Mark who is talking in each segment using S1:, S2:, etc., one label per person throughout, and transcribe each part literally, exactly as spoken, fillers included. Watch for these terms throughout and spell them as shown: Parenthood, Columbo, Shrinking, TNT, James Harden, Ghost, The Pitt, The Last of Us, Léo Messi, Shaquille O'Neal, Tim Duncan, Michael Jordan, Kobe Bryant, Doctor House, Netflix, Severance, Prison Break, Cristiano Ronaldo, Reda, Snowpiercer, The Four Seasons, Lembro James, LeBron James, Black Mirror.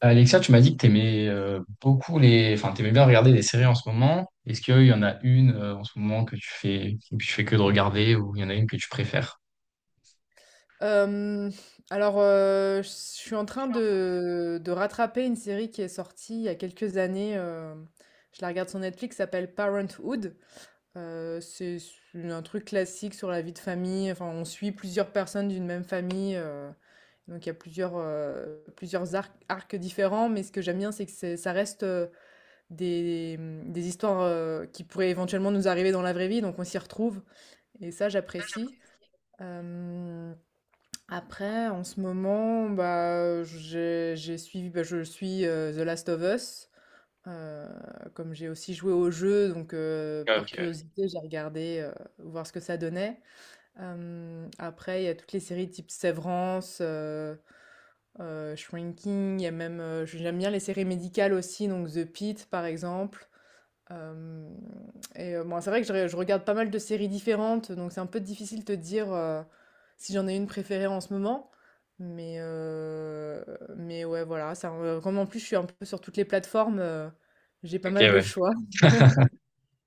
S1: Alexia, tu m'as dit que t'aimais euh, beaucoup les, enfin, t'aimais bien regarder des séries en ce moment. Est-ce qu'il y en a une euh, en ce moment que tu fais, que tu fais que de regarder, ou il y en a une que tu préfères?
S2: Hem, alors, heu, je suis en train de de rattraper une série qui est sortie il y a quelques années. Hem, je la regarde sur Netflix, ça s'appelle Parenthood. Heu, c'est un truc classique sur la vie de famille. Enfin, on suit plusieurs personnes d'une même famille. Heu, donc il y a plusieurs, heu, plusieurs arcs arcs différents, mais ce que j'aime bien, c'est que c'est ça reste, heu, des, mmh, des histoires heu, qui pourraient éventuellement nous arriver dans la vraie vie. Donc on s'y retrouve et ça, j'apprécie. Hem Après, en ce moment, bah, j'ai j'ai suivi, bah, je suis euh, The Last of Us. Euh, Comme j'ai aussi joué au jeu, donc euh, par
S1: Ok,
S2: curiosité, j'ai regardé euh, voir ce que ça donnait. Euh, après, il y a toutes les séries type Severance, euh, euh, Shrinking. Il y a même, euh, j'aime bien les séries médicales aussi, donc The Pitt par exemple. Hem, et heu, bon, c'est vrai que je re je regarde pas mal de séries différentes, donc c'est un peu difficile de te dire, heu, si j'en ai une préférée en ce moment. Mais heu, mais ouais, voilà. ça re Comme en plus, je suis un peu sur toutes les plateformes, heu, j'ai pas
S1: ok,
S2: mal de
S1: ouais.
S2: choix.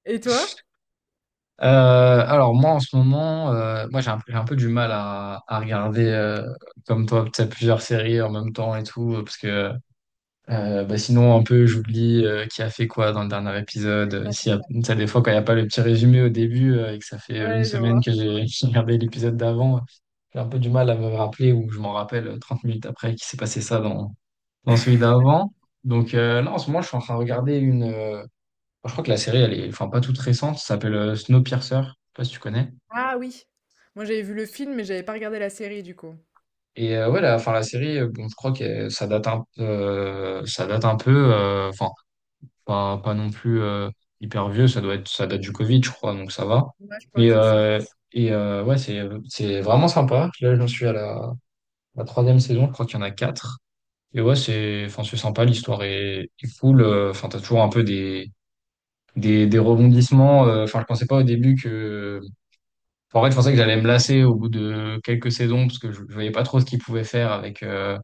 S2: Et toi?
S1: Euh, alors moi en ce moment, euh, moi j'ai un, j'ai un peu du mal à, à regarder euh, comme toi, tu sais, plusieurs séries en même temps et tout, parce que Euh, bah sinon, un peu, j'oublie euh, qui a fait quoi dans le dernier épisode. Euh, S'il y a, tu sais, des fois, quand il n'y a pas le petit résumé au début euh, et que ça fait euh, une
S2: Ouais, je
S1: semaine que
S2: vois.
S1: j'ai j'ai regardé l'épisode d'avant, j'ai un peu du mal à me rappeler ou je m'en rappelle euh, trente minutes après qu'il s'est passé ça dans, dans celui d'avant. Donc euh, là, en ce moment, je suis en train de regarder une... euh, Je crois que la série, elle est enfin pas toute récente, ça s'appelle euh, Snowpiercer, je sais pas si tu connais.
S2: Ah oui! Moi, j'avais vu le film, mais j'avais pas regardé la série, du coup.
S1: Et euh, ouais, la, enfin, la série, euh, bon, je crois que euh, ça date un, euh, ça date un peu. euh, Enfin, pas, pas non plus euh, hyper vieux, ça doit être, ça date du Covid, je crois, donc ça va.
S2: Ouais, je crois
S1: Mais
S2: que c'est ça.
S1: euh, et euh, ouais, c'est c'est vraiment sympa. Là, j'en suis à la, la troisième saison, je crois qu'il y en a quatre. Et ouais, c'est enfin c'est sympa, l'histoire est, est cool. Euh, Enfin, t'as toujours un peu des des, des rebondissements. Euh, Enfin, je pensais pas au début que. Enfin, En fait, je pensais que j'allais me lasser au bout de quelques saisons parce que je, je voyais pas trop ce qu'ils pouvaient faire avec. euh,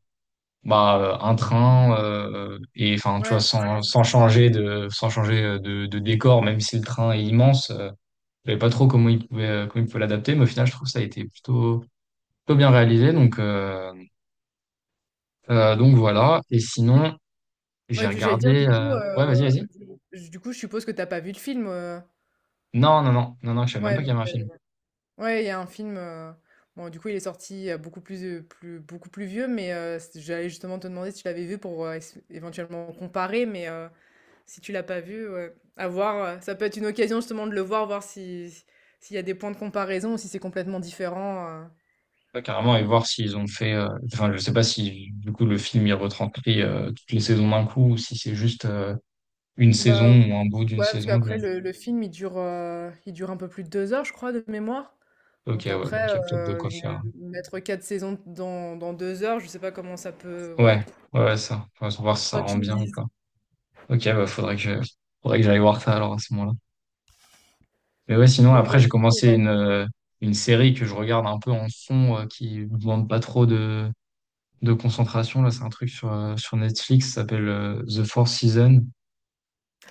S1: bah euh, Un train euh, et enfin tu vois
S2: Ouais, c'est ça.
S1: sans sans changer de sans changer euh, de, de décor même si le train est immense euh, je savais pas trop comment il pouvait euh, Comment il pouvait l'adapter mais au final je trouve que ça a été plutôt plutôt bien réalisé donc euh, euh, Donc voilà et
S2: Et
S1: sinon j'ai
S2: ouais, du j'allais dire, du
S1: regardé
S2: coup,
S1: euh, Ouais, vas-y,
S2: heu,
S1: vas-y.
S2: du du coup, je suppose que t'as pas vu le film, heu?
S1: Non, non, non, non, non, je savais même
S2: Ouais,
S1: pas qu'il
S2: non.
S1: y avait un film.
S2: Ouais, il y a un film. Heu, bon, du coup il est sorti, heu, beaucoup plus, heu, plus beaucoup plus vieux, mais heu, c j'allais justement te demander si tu l'avais vu pour heu, ess éventuellement comparer. Mais heu, si tu l'as pas vu, ouais, à voir, heu, ça peut être une occasion justement de le voir, voir si si s'il y a des points de comparaison ou si c'est complètement différent, heu.
S1: Pas carrément et voir s'ils ont fait euh, enfin je sais pas si du coup le film il retranscrit euh, toutes les saisons d'un coup ou si c'est juste euh, une saison
S2: Bah,
S1: ou un bout d'une
S2: ouais, parce
S1: saison je-
S2: qu'après le le film il dure, heu, il dure un peu plus de deux heures, je crois, de mémoire.
S1: ok,
S2: Donc
S1: ouais, donc
S2: après,
S1: il y a peut-être de
S2: heu,
S1: quoi
S2: une
S1: faire.
S2: mettre quatre saisons dans dans deux heures, je sais pas comment ça peut, ouais,
S1: Ouais, ouais, ouais, ça. Faut voir si ça
S2: faudra que
S1: rend
S2: tu me
S1: bien ou
S2: dises.
S1: pas. Ok, bah faudrait que faudrait que j'aille voir ça alors à ce moment-là. Mais ouais, sinon
S2: Et
S1: après
S2: ouais,
S1: j'ai
S2: du coup,
S1: commencé
S2: ouais.
S1: une euh, une série que je regarde un peu en fond euh, qui me demande pas trop de de concentration là. C'est un truc sur euh, sur Netflix, ça s'appelle euh, The Four Seasons.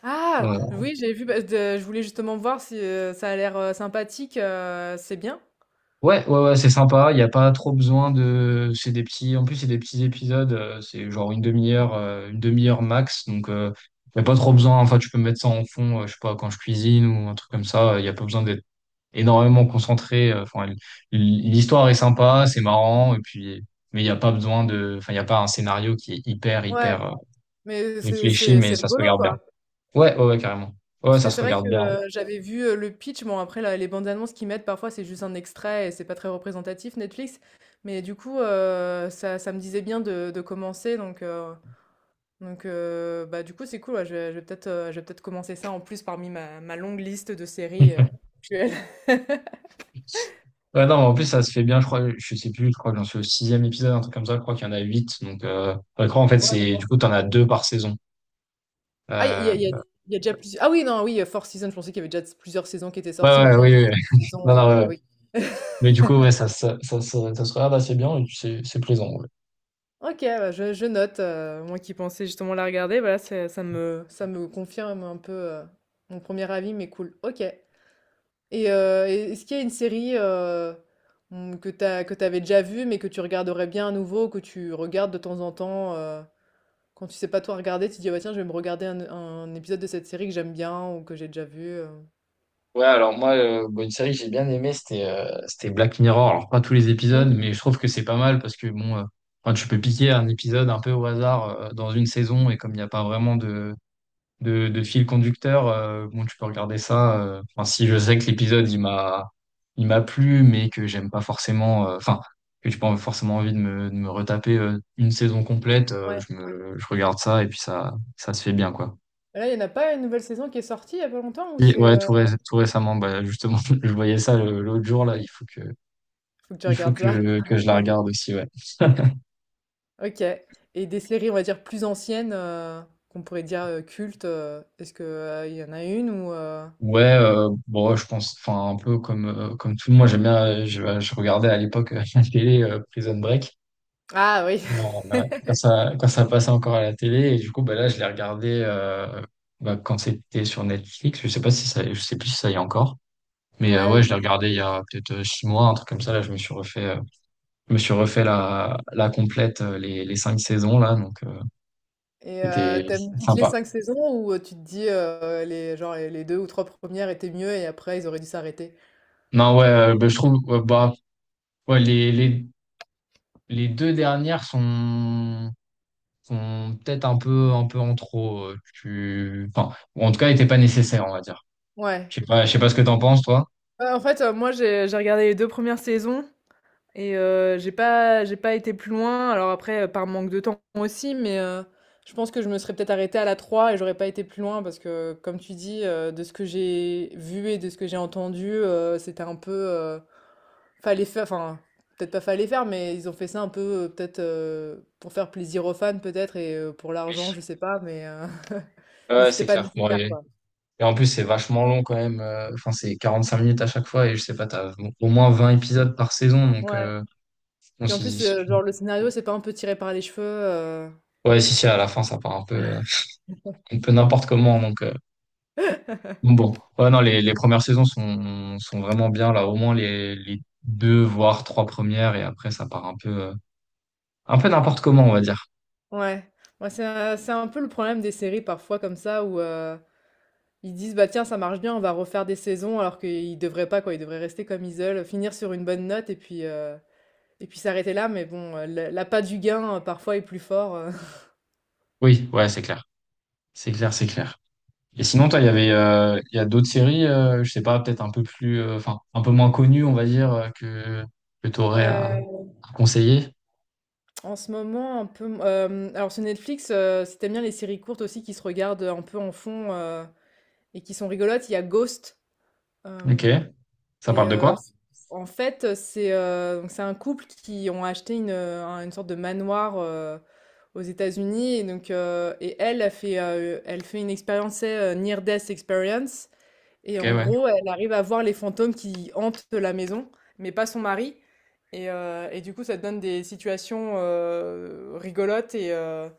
S2: Ah
S1: Euh,
S2: oui, j'ai vu. Bah, de Je voulais justement voir si, heu, ça a l'air heu, sympathique. Heu, C'est bien?
S1: Ouais, ouais, ouais, c'est sympa. Il n'y a pas trop besoin de. C'est des petits. En plus, c'est des petits épisodes. euh, C'est genre une demi-heure, euh, une demi-heure max. Donc, il n'y a pas trop besoin. Enfin, tu peux mettre ça en fond. Euh, je sais pas quand je cuisine ou un truc comme ça. Il n'y a pas besoin d'être énormément concentrée. euh, Enfin, l- l'histoire est sympa, c'est marrant, et puis, mais il n'y a pas besoin de, enfin, il n'y a pas un scénario qui est hyper,
S2: Ouais,
S1: hyper euh,
S2: mais c'est
S1: réfléchi,
S2: c'est
S1: mais
S2: c'est
S1: ça se
S2: rigolo,
S1: regarde bien.
S2: quoi.
S1: Ouais, ouais, ouais, carrément. Ouais,
S2: Parce
S1: ça
S2: que
S1: se
S2: c'est vrai que,
S1: regarde bien.
S2: heu, j'avais vu, heu, le pitch. Bon, après la les bandes annonces qu'ils mettent, parfois, c'est juste un extrait et c'est pas très représentatif, Netflix. Mais du coup, heu, ça ça me disait bien de de commencer. Donc heu donc heu, bah, du coup, c'est cool, ouais. Je vais je vais peut-être, heu, je vais peut-être commencer ça, en plus, parmi ma ma longue liste de séries, heu, actuelles.
S1: Ouais, non, mais en plus, ça se fait bien, je crois, je sais plus, je crois que j'en suis au sixième épisode, un truc comme ça, je crois qu'il y en a huit, donc, euh, ouais, je crois, en fait,
S2: Ouais,
S1: c'est,
S2: maintenant
S1: du coup, t'en as deux par saison.
S2: Ah, il y
S1: Euh,
S2: a il y a Il y a déjà plusieurs... ah oui, non, oui, heu, Four Seasons, je pensais qu'il y avait déjà plusieurs saisons qui étaient sorties, mais
S1: ouais, ouais,
S2: non,
S1: oui,
S2: c'est des
S1: oui. Non,
S2: saisons,
S1: non, ouais,
S2: heu,
S1: ouais.
S2: oui.
S1: Mais du coup, ouais, ça, ça, ça, ça, ça se regarde assez bien, et puis c'est, c'est plaisant.
S2: OK, bah, je je note, heu, moi qui pensais justement la regarder. Voilà, c'est ça me ça me confirme un peu, heu, mon premier avis, mais cool. OK. Et heu et est-ce qu'il y a une série, heu, mmh, que t'as que t'avais déjà vue, mais que tu regarderais bien à nouveau, que tu regardes de temps en temps, heu, quand tu sais pas toi regarder, tu te dis: «Ah bah, tiens, je vais me regarder un un épisode de cette série que j'aime bien ou que j'ai déjà vu», heu?
S1: Ouais, alors moi, euh, bon, une série que j'ai bien aimée, c'était euh, c'était Black Mirror. Alors, pas tous les épisodes,
S2: Mmh,
S1: mais je trouve que c'est pas mal parce que, bon, euh, enfin, tu peux piquer un épisode un peu au hasard euh, dans une saison et comme il n'y a pas vraiment de, de, de fil conducteur, euh, bon, tu peux regarder ça. euh, Enfin, si je sais que l'épisode, il m'a il m'a plu, mais que j'aime pas forcément, euh, enfin, que j'ai pas forcément envie de me, de me retaper euh, une saison complète, euh,
S2: ouais.
S1: je me, je regarde ça et puis ça, ça se fait bien, quoi.
S2: Là, il n'y en a pas une nouvelle saison qui est sortie il y a pas longtemps ou
S1: Si,
S2: c'est...
S1: ouais,
S2: euh,
S1: tout, ré- tout récemment, bah, justement, je voyais ça le- l'autre jour, là, il faut que,
S2: Faut que je
S1: il faut
S2: regarde ça.
S1: que, que je la regarde aussi, ouais.
S2: Ok. Et des séries, on va dire, plus anciennes, euh, qu'on pourrait dire euh, cultes, euh, est-ce que, euh, il y en a une ou... euh,
S1: Ouais, euh, bon, ouais, je pense, enfin, un peu comme, euh, comme tout le monde, j'aime bien, euh, je, je regardais à l'époque euh, la télé euh, Prison Break.
S2: Ah oui,
S1: Bon, euh, quand ça, quand ça passait encore à la télé, et du coup, bah, là, je l'ai regardé euh, bah, quand c'était sur Netflix, je sais pas si ça, je sais plus si ça y est encore, mais euh,
S2: ouais,
S1: ouais,
S2: je
S1: je l'ai
S2: sais
S1: regardé il y
S2: plus.
S1: a peut-être euh, six mois, un truc comme ça, là, je me suis refait, euh, je me suis refait la, la complète, euh, les, les cinq saisons, là, donc. euh,
S2: Et euh,
S1: C'était
S2: t'aimes toutes les
S1: sympa.
S2: cinq saisons, ou euh, tu te dis, euh, les, genre, les les deux ou trois premières étaient mieux et après, ils auraient dû s'arrêter?
S1: Non, ouais, euh, bah, je trouve, ouais, bah, ouais, les, les, les deux dernières sont, sont peut-être un peu, un peu en trop. Euh, tu... enfin, ou en tout cas, n'étaient pas nécessaires, on va dire.
S2: Ouais.
S1: Je sais pas, je sais pas ce que t'en penses, toi.
S2: Euh, en fait, euh, moi, j'ai j'ai regardé les deux premières saisons. Et heu, j'ai pas j'ai pas été plus loin. Alors après, heu, par manque de temps aussi, mais heu, je pense que je me serais peut-être arrêtée à la trois et j'aurais pas été plus loin parce que, comme tu dis, heu, de ce que j'ai vu et de ce que j'ai entendu, heu, c'était un peu, heu, fallait faire enfin, peut-être pas fallait faire, mais ils ont fait ça un peu, heu, peut-être, heu, pour faire plaisir aux fans peut-être, et heu, pour l'argent,
S1: Oui.
S2: je sais pas, mais heu, mais
S1: Ouais,
S2: c'était
S1: c'est
S2: pas
S1: clair. Bon,
S2: nécessaire,
S1: et,
S2: quoi.
S1: et en plus, c'est vachement long quand même. euh, Enfin, c'est quarante cinq minutes à chaque fois et je sais pas, t'as au moins vingt épisodes par saison. Donc,
S2: Ouais.
S1: euh, bon,
S2: Puis en
S1: si,
S2: plus,
S1: si
S2: heu,
S1: tu-
S2: genre le scénario, c'est pas un peu tiré par les cheveux, heu
S1: ouais, si, si, à la fin, ça part un peu, euh, un peu n'importe comment. Donc, euh, bon, ouais, non, les, les premières saisons sont, sont vraiment bien, là, au moins les, les deux, voire trois premières, et après, ça part un peu, euh, un peu n'importe comment, on va dire.
S2: Ouais, ouais, c'est un c'est un peu le problème des séries parfois comme ça où heu, ils disent: «Bah tiens, ça marche bien, on va refaire des saisons», alors qu'ils devraient pas, quoi. Ils devraient rester comme ils veulent, finir sur une bonne note et puis, heu et puis s'arrêter là. Mais bon, heu, l'a l'appât du gain, heu, parfois est plus fort, heu.
S1: Oui, ouais, c'est clair. C'est clair, c'est clair. Et sinon, toi, il y avait, euh, il y a d'autres séries, euh, je sais pas, peut-être un peu plus, euh, enfin, un peu moins connues, on va dire, euh, que, que t'aurais à,
S2: Heu,
S1: à conseiller.
S2: En ce moment un peu, hem, alors sur Netflix, heu, si tu bien les séries courtes aussi qui se regardent un peu en fond, heu et qui sont rigolotes, il y a Ghost.
S1: Ok.
S2: Hem
S1: Ça
S2: Et
S1: parle de
S2: heu,
S1: quoi?
S2: c En fait, c'est, heu, donc c'est un couple qui ont acheté une, heu, un une sorte de manoir, heu, aux États-Unis. Et donc heu et elle, elle fait, heu, elle fait une expérience, tu sais, near death experience, et
S1: Ok,
S2: en
S1: ouais.
S2: gros, elle arrive à voir les fantômes qui hantent la maison, mais pas son mari. Et heu et du coup, ça te donne des situations heu, rigolotes. et heu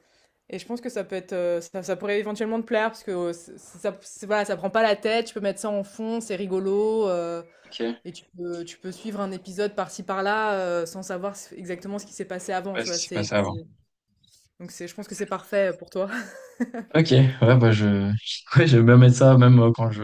S2: Et je pense que ça peut être, heu, ça ça pourrait éventuellement te plaire parce que, heu, ç ça ça voilà, ça prend pas la tête, tu peux mettre ça en fond, c'est rigolo, heu
S1: Ok.
S2: et tu peux, tu peux suivre un épisode par-ci par-là, heu, sans savoir s exactement ce qui s'est passé avant,
S1: Ouais,
S2: tu
S1: ce qui
S2: vois?
S1: s'est
S2: C'est
S1: passé avant.
S2: tu donc c'est Je pense que c'est parfait pour toi.
S1: Ok, ouais, bah, je, ouais, j'aime bien mettre ça, même euh, quand je,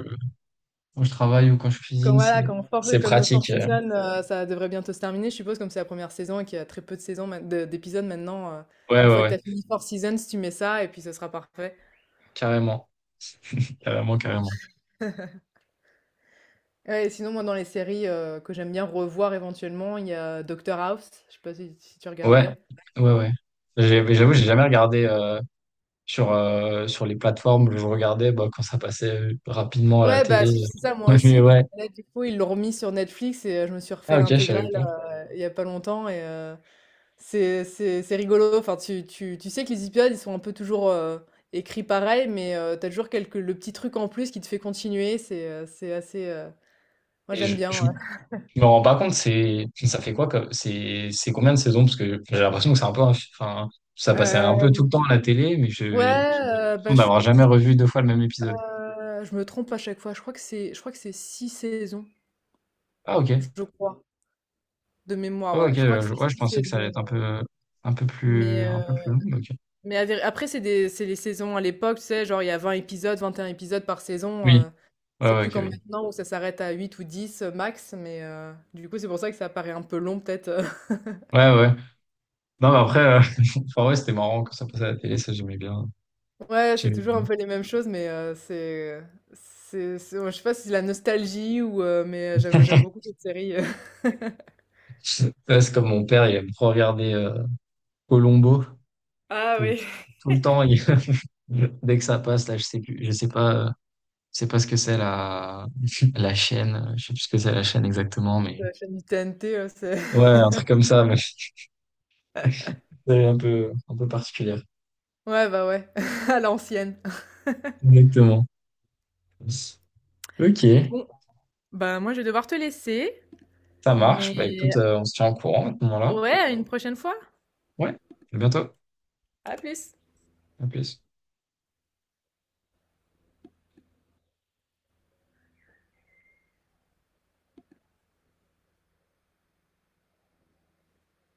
S1: quand je travaille ou quand je
S2: Comme
S1: cuisine, c'est,
S2: voilà, comme for
S1: c'est
S2: comme Four
S1: pratique. euh,
S2: Seasons, heu, ça devrait bientôt se terminer, je suppose, comme c'est la première saison et qu'il y a très peu de saisons maint de d'épisodes maintenant, heu,
S1: Ouais,
S2: une
S1: ouais,
S2: fois que tu
S1: ouais,
S2: as fini Four Seasons, tu mets ça et puis ce sera parfait.
S1: carrément, carrément, carrément.
S2: Ouais, et sinon, moi, dans les séries, heu, que j'aime bien revoir éventuellement, il y a Doctor House, je sais pas si si tu
S1: Ouais,
S2: regardais?
S1: ouais, ouais. J'ai- J'avoue, j'ai jamais regardé euh, sur, euh, sur les plateformes. Je regardais bah, quand ça passait euh, rapidement à la
S2: Ouais,
S1: télé.
S2: bah, c'est ça, moi
S1: Mais
S2: aussi.
S1: ouais.
S2: Là, du coup, ils l'ont remis sur Netflix, et heu, je me suis
S1: Ah,
S2: refait
S1: ok, je
S2: l'intégrale
S1: savais pas.
S2: il y a pas longtemps. Et euh, c'est c'est- c'est rigolo. Enfin, tu, tu, tu sais que les épisodes, ils sont un peu toujours euh, écrits pareil, mais tu t'as toujours quelques... le petit truc en plus qui te fait continuer. C'est euh, c'est assez... euh, moi,
S1: Et
S2: j'aime
S1: je,
S2: bien. Ouais.
S1: je me rends pas compte, c'est, ça fait quoi comme, c'est, c'est combien de saisons? Parce que j'ai l'impression que c'est un peu, un- enfin, ça passait un peu tout
S2: Euh,
S1: le temps à la télé, mais je,
S2: Ouais,
S1: j'ai
S2: euh,
S1: l'impression
S2: bah, je,
S1: d'avoir jamais revu deux fois le même épisode.
S2: euh, je me trompe à chaque fois. Je crois que c'est je crois que c'est six saisons,
S1: Ah, ok.
S2: je crois, de mémoire.
S1: Ah, ok,
S2: Ouais. Je crois que
S1: je,
S2: c'est
S1: ouais, je
S2: six
S1: pensais que ça allait
S2: saisons.
S1: être un
S2: euh,
S1: peu, un peu
S2: Mais...
S1: plus, un
S2: euh,
S1: peu plus long, mais ok.
S2: Mais à vér, après c'est des, c'est les saisons à l'époque, tu sais, genre il y a vingt épisodes, vingt et un épisodes par saison,
S1: Oui,
S2: heu,
S1: ouais,
S2: c'est
S1: ouais,
S2: plus
S1: ok,
S2: comme
S1: oui.
S2: maintenant où ça s'arrête à huit ou dix max, mais heu, du coup, c'est pour ça que ça paraît un peu long peut-être, heu.
S1: Ouais, ouais. Non, mais après, euh, enfin, ouais, c'était marrant quand ça passait à la télé, ça j'aimais bien.
S2: Ouais, c'est
S1: J'aimais
S2: toujours
S1: bien.
S2: un peu les mêmes choses, mais heu, c'est c'est c'est ouais, je sais pas si c'est la nostalgie ou heu, mais euh, j'aime j'aime beaucoup cette série, heu,
S1: Ouais, c'est comme mon père, il aime trop regarder euh, Columbo.
S2: Ah
S1: Tout,
S2: oui.
S1: tout le temps, il- dès que ça passe, là, je sais plus, je sais pas, euh, je sais pas ce que c'est la, la chaîne, euh, je sais plus ce que c'est la chaîne exactement, mais
S2: La chaîne du T N T, heu, c'est
S1: ouais, un truc comme ça, mais c'est un peu, un peu particulière.
S2: ouais, bah, ouais, à l'ancienne.
S1: Exactement. Ok,
S2: Bon, bah, moi je vais devoir te laisser,
S1: ça
S2: mais
S1: marche. Bah écoute, euh, on se tient au courant à ce moment-là.
S2: ouais, à une prochaine fois.
S1: Ouais, à bientôt.
S2: À plus.
S1: À plus.